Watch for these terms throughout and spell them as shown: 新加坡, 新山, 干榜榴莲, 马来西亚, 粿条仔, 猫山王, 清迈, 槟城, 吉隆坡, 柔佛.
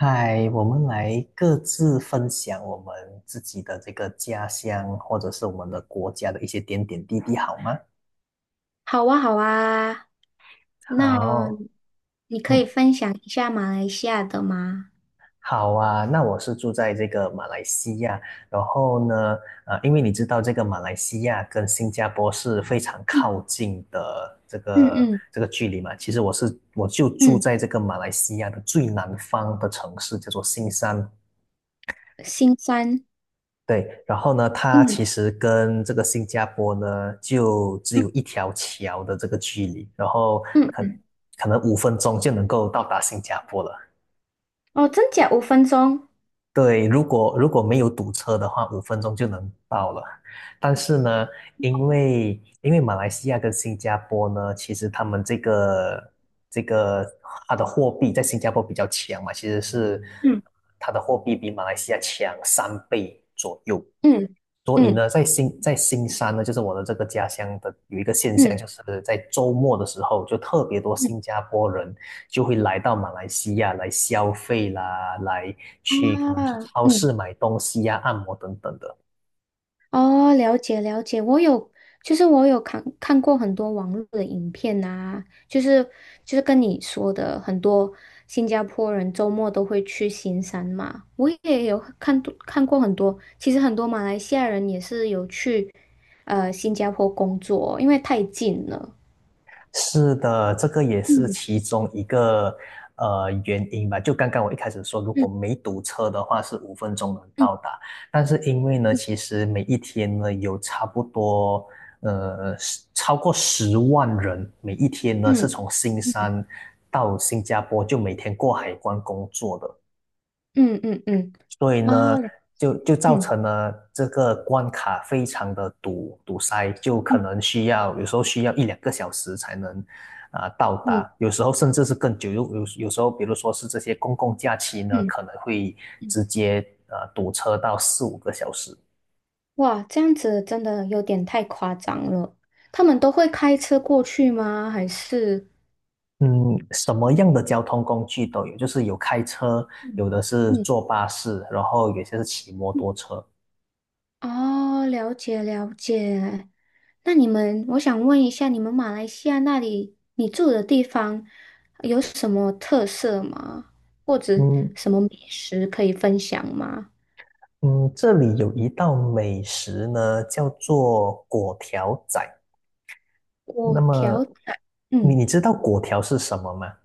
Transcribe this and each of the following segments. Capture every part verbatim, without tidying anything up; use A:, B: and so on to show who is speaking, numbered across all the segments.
A: 嗨，我们来各自分享我们自己的这个家乡，或者是我们的国家的一些点点滴滴，好吗？
B: 好啊，好啊，那
A: 好，
B: 你可以
A: 嗯，
B: 分享一下马来西亚的吗？
A: 好啊。那我是住在这个马来西亚，然后呢，呃，因为你知道这个马来西亚跟新加坡是非常
B: 嗯
A: 靠近的这
B: 嗯
A: 个
B: 嗯
A: 这个距离嘛。其实我是我就住
B: 嗯，
A: 在这个马来西亚的最南方的城市，叫做新山。
B: 新山，
A: 对，然后呢，它
B: 嗯
A: 其实跟这个新加坡呢，就只
B: 嗯
A: 有一条桥的这个距离，然后
B: 嗯
A: 可
B: 嗯，
A: 可能五分钟就能够到达新加坡了。
B: 哦，真假五分钟，
A: 对，如果如果没有堵车的话，五分钟就能到了。但是呢，因为因为马来西亚跟新加坡呢，其实他们这个这个它的货币在新加坡比较强嘛，其实是
B: 嗯
A: 它的货币比马来西亚强三倍左右。
B: 嗯
A: 所以
B: 嗯
A: 呢，在新在新山呢，就是我的这个家乡的有一个现象，就
B: 嗯
A: 是在周末的时候，就特别多
B: 嗯
A: 新加坡人就会来到马来西亚来消费啦，来去可能去
B: 啊，
A: 超市
B: 嗯
A: 买东西呀、按摩等等的。
B: 哦，了解了解，我有，就是我有看看过很多网络的影片啊，就是就是跟你说的，很多新加坡人周末都会去行山嘛，我也有看多看过很多，其实很多马来西亚人也是有去呃新加坡工作，因为太近了。
A: 是的，这个也是
B: 嗯
A: 其中一个呃原因吧。就刚刚我一开始说，如果
B: 嗯
A: 没堵车的话，是五分钟能
B: 嗯
A: 到达。但是因为呢，其实每一天呢有差不多呃超过十万人，每一天呢是
B: 嗯
A: 从新
B: 嗯
A: 山到新加坡，就每天过海关工作的。
B: 嗯嗯嗯
A: 所以呢，
B: 嗯，哦，
A: 就就造
B: 嗯
A: 成了这个关卡非常的堵堵塞，就可
B: 嗯
A: 能需要有时候需要一两个小时才能啊、呃到达，
B: 嗯
A: 有时候甚至是更久。有有有时候，比如说是这些公共假期呢，
B: 嗯
A: 可能会
B: 嗯。
A: 直接呃堵车到四五个小时。
B: 哇，这样子真的有点太夸张了。他们都会开车过去吗？还是？
A: 嗯，什么样的交通工具都有，就是有开车，
B: 嗯
A: 有的是
B: 嗯，
A: 坐巴士，然后有些是骑摩
B: 嗯
A: 托车。
B: 哦，了解了解。那你们，我想问一下，你们马来西亚那里，你住的地方有什么特色吗？或者
A: 嗯，
B: 什么美食可以分享吗？
A: 嗯，这里有一道美食呢，叫做粿条仔。那
B: 我
A: 么，
B: 调，
A: 你
B: 嗯。
A: 你知道粿条是什么吗？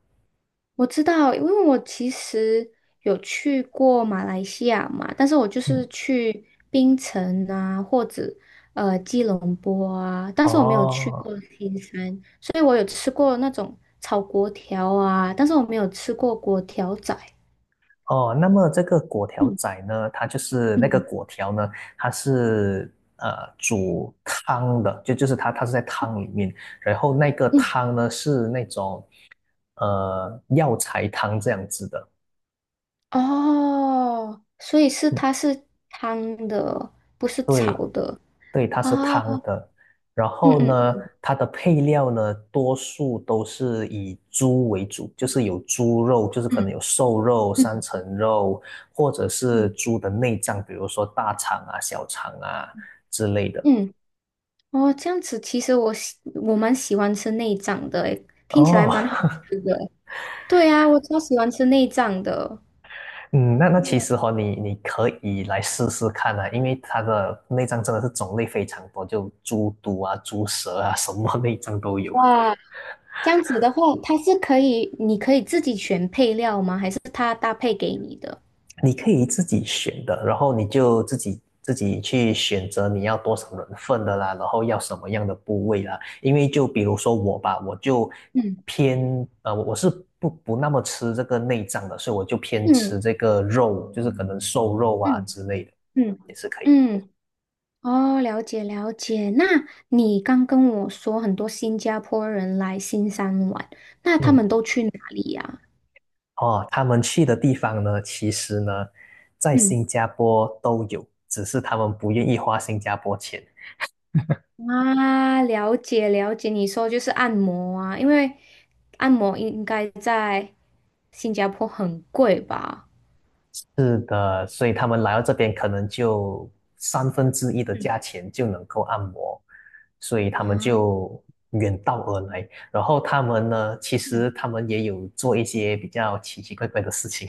B: 我知道，因为我其实有去过马来西亚嘛，但是我就是
A: 嗯，
B: 去槟城啊，或者呃吉隆坡啊，但是我没有去过
A: 哦
B: 新山，所以我有吃过那种炒粿条啊，但是我没有吃过粿条仔。
A: 哦，那么这个粿条
B: 嗯
A: 仔呢，它就是那个
B: 嗯
A: 粿条呢，它是呃煮汤的，就就是它它是在汤里面，然后那个
B: 嗯，
A: 汤呢是那种呃药材汤这样子的。
B: 哦，所以是
A: 嗯。
B: 它是汤的，不是炒
A: 对。
B: 的
A: 对，它是
B: 啊。
A: 汤的。然
B: 嗯
A: 后
B: 嗯
A: 呢，它的配料呢，多数都是以猪为主，就是有猪肉，就是可能
B: 嗯
A: 有瘦肉、
B: 嗯
A: 三层肉，或者是
B: 嗯
A: 猪的内脏，比如说大肠啊、小肠啊之类的。
B: 嗯。哦，这样子，其实我喜我蛮喜欢吃内脏的，诶，听起来
A: 哦，
B: 蛮好吃的诶。对啊，我超喜欢吃内脏的。
A: 嗯，那那其
B: 对
A: 实哈、哦，你你可以来试试看啊，因为它的内脏真的是种类非常多，就猪肚啊、猪舌啊，什么内脏都有。
B: 哇，这样子的话，它是可以，你可以自己选配料吗？还是它搭配给你的？
A: 你可以自己选的，然后你就自己自己去选择你要多少人份的啦，然后要什么样的部位啦。因为就比如说我吧，我就
B: 嗯
A: 偏呃，我我是不不那么吃这个内脏的，所以我就偏吃
B: 嗯
A: 这个肉，就是可能瘦肉啊
B: 嗯
A: 之类的，
B: 嗯
A: 也是可以。
B: 嗯，哦，了解了解。那你刚跟我说很多新加坡人来新山玩，那他
A: 嗯，
B: 们都去哪里呀？
A: 哦，他们去的地方呢，其实呢，在
B: 嗯。
A: 新加坡都有，只是他们不愿意花新加坡钱。
B: 啊，了解了解，你说就是按摩啊，因为按摩应该在新加坡很贵吧？
A: 是的，所以他们来到这边，可能就三分之一的
B: 嗯
A: 价钱就能够按摩，所以他们
B: 啊，
A: 就远道而来。然后他们呢，其实
B: 嗯
A: 他们也有做一些比较奇奇怪怪的事情。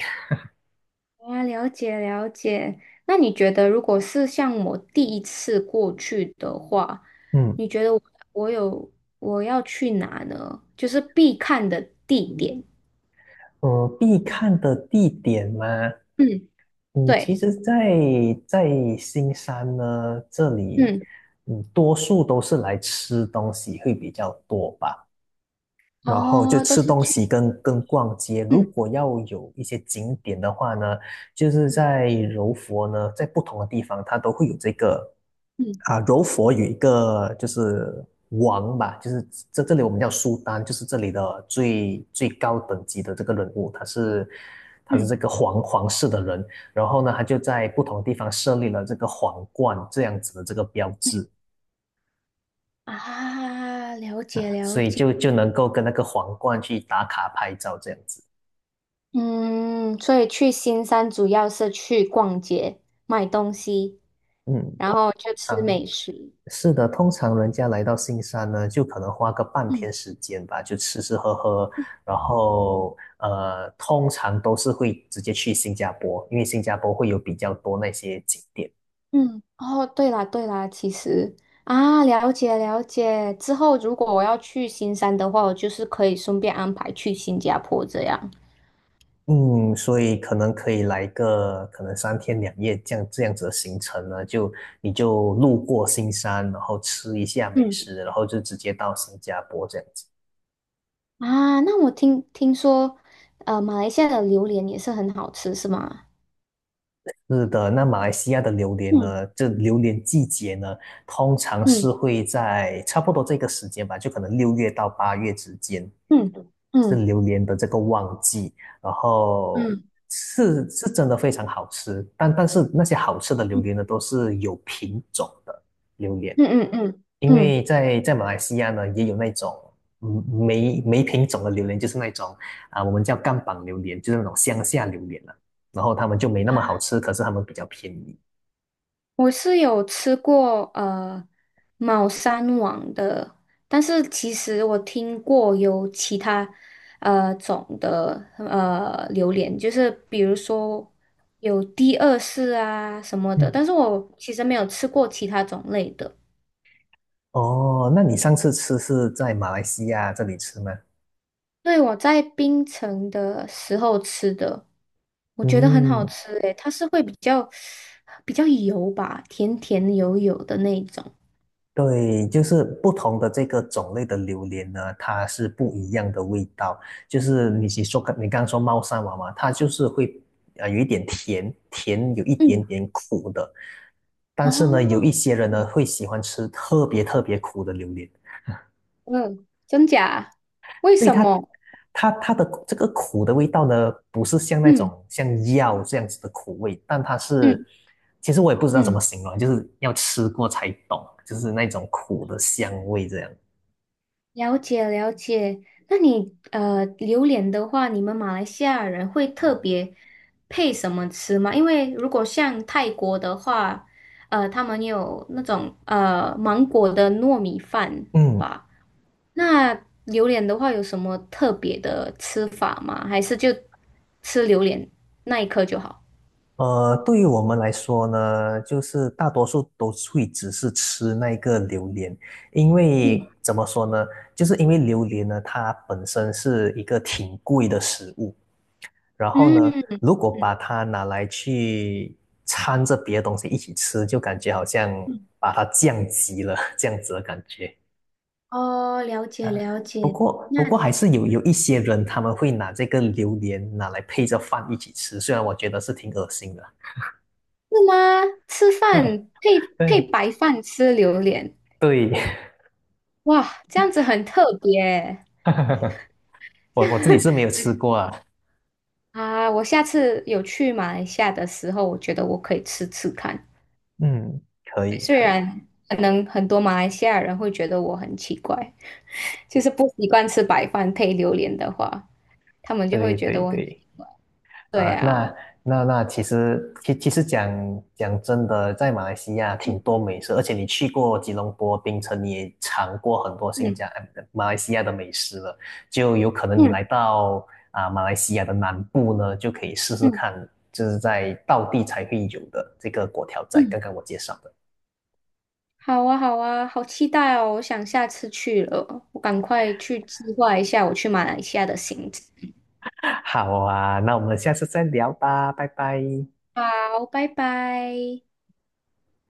B: 啊，了解了解。那你觉得，如果是像我第一次过去的话，
A: 嗯，
B: 你觉得我我有我要去哪呢？就是必看的地点。
A: 呃，必看的地点嘛，
B: 嗯，
A: 嗯，其
B: 对，
A: 实在，在新山呢，这里，
B: 嗯，
A: 嗯，多数都是来吃东西会比较多吧。然后就
B: 哦，都
A: 吃
B: 是
A: 东西
B: 去，
A: 跟跟逛街。如
B: 嗯
A: 果要有一些景点的话呢，就是
B: 嗯
A: 在柔佛呢，在不同的地方它都会有这个
B: 嗯
A: 啊，柔佛有一个就是王吧，就是这这里我们叫苏丹，就是这里的最最高等级的这个人物，他是他是
B: 嗯
A: 这个皇皇室的人，然后呢，他就在不同的地方设立了这个皇冠这样子的这个标
B: 嗯
A: 志
B: 啊，了
A: 啊，
B: 解
A: 所
B: 了
A: 以
B: 解。
A: 就就能够跟那个皇冠去打卡拍照这样子，
B: 嗯，所以去新山主要是去逛街、买东西，
A: 嗯。
B: 然后就吃
A: 常
B: 美食。
A: 是的，通常人家来到新山呢，就可能花个半
B: 嗯
A: 天时间吧，就吃吃喝喝，然后呃，通常都是会直接去新加坡，因为新加坡会有比较多那些景点。
B: 嗯，哦，对啦对啦，其实啊，了解了解。之后如果我要去新山的话，我就是可以顺便安排去新加坡这样。
A: 嗯，所以可能可以来个可能三天两夜这样这样子的行程呢，就你就路过新山，然后吃一下美
B: 嗯
A: 食，然后就直接到新加坡这样子。
B: 啊，那我听听说，呃，马来西亚的榴莲也是很好吃，是吗？
A: 是的，那马来西亚的榴莲
B: 嗯
A: 呢？这榴莲季节呢，通常是
B: 嗯
A: 会在差不多这个时间吧，就可能六月到八月之间。
B: 嗯
A: 是
B: 嗯
A: 榴莲的这个旺季，然后
B: 嗯
A: 是是真的非常好吃，但但是那些好吃的榴
B: 嗯
A: 莲呢，都是有品种的榴莲，
B: 嗯嗯嗯嗯。
A: 因
B: 嗯
A: 为
B: 嗯
A: 在在马来西亚呢，也有那种嗯没没品种的榴莲，就是那种啊、我们叫干榜榴莲，就是那种乡下榴莲了、然后他们就没那么好吃，可是他们比较便宜。
B: 我是有吃过呃猫山王的，但是其实我听过有其他呃种的呃榴莲，就是比如说有第二世啊什么的，
A: 嗯，
B: 但是我其实没有吃过其他种类的。
A: 哦，那你上次吃是在马来西亚这里吃吗？
B: 对，我在槟城的时候吃的，我觉得很好
A: 嗯，
B: 吃诶，它是会比较比较油吧，甜甜油油的那一种。
A: 对，就是不同的这个种类的榴莲呢，它是不一样的味道。就是你你说你刚刚说猫山王嘛，它就是会呃有一点甜，甜有一点
B: 嗯。
A: 点苦的。但是呢，有
B: 哦，
A: 一些人呢会喜欢吃特别特别苦的榴莲，
B: 嗯，真假？为
A: 所以
B: 什
A: 它
B: 么？
A: 它它的这个苦的味道呢，不是像那
B: 嗯
A: 种像药这样子的苦味，但它是
B: 嗯
A: 其实我也不知道怎
B: 嗯，
A: 么形容，就是要吃过才懂，就是那种苦的香味这样。
B: 了解了解。那你呃，榴莲的话，你们马来西亚人会特别配什么吃吗？因为如果像泰国的话，呃，他们有那种呃芒果的糯米饭
A: 嗯。
B: 吧。那榴莲的话，有什么特别的吃法吗？还是就吃榴莲那一颗就好？
A: 呃，对于我们来说呢，就是大多数都会只是吃那个榴莲，因
B: 嗯
A: 为怎么说呢，就是因为榴莲呢，它本身是一个挺贵的食物，然后呢，
B: 嗯。
A: 如果把它拿来去掺着别的东西一起吃，就感觉好像把它降级了这样子的感觉。
B: 哦，了解了
A: 不
B: 解。
A: 过，不
B: 那
A: 过还
B: 是
A: 是有有一些人他们会拿这个榴莲拿来配着饭一起吃，虽然我觉得是挺恶心的。
B: 吗？吃饭
A: 嗯，
B: 配配
A: 对，
B: 白饭吃榴莲，
A: 对，
B: 哇，这样子很特别
A: 我我自己是没有吃过啊。
B: 啊！我下次有去马来西亚的时候，我觉得我可以吃吃看。
A: 嗯，可以，
B: 虽
A: 可以，
B: 然可能很多马来西亚人会觉得我很奇怪，就是不习惯吃白饭配榴莲的话，他们就会
A: 对
B: 觉
A: 对
B: 得我很……
A: 对，
B: 对
A: 啊，
B: 啊，
A: 那那那其实其其实讲讲真的，在马来西亚挺
B: 嗯
A: 多美食，而且你去过吉隆坡、槟城，你也尝过很多新
B: 嗯
A: 加呃马来西亚的美食了，就有可能你
B: 嗯
A: 来到啊马来西亚的南部呢，就可以试试
B: 嗯
A: 看，就是在道地才会有的这个粿条仔，
B: 嗯。
A: 刚刚我介绍的。
B: 好啊，好啊，好期待哦！我想下次去了，我赶快去计划一下我去马来西亚的行程。
A: 好啊，那我们下次再聊吧，拜拜。
B: 好，拜拜。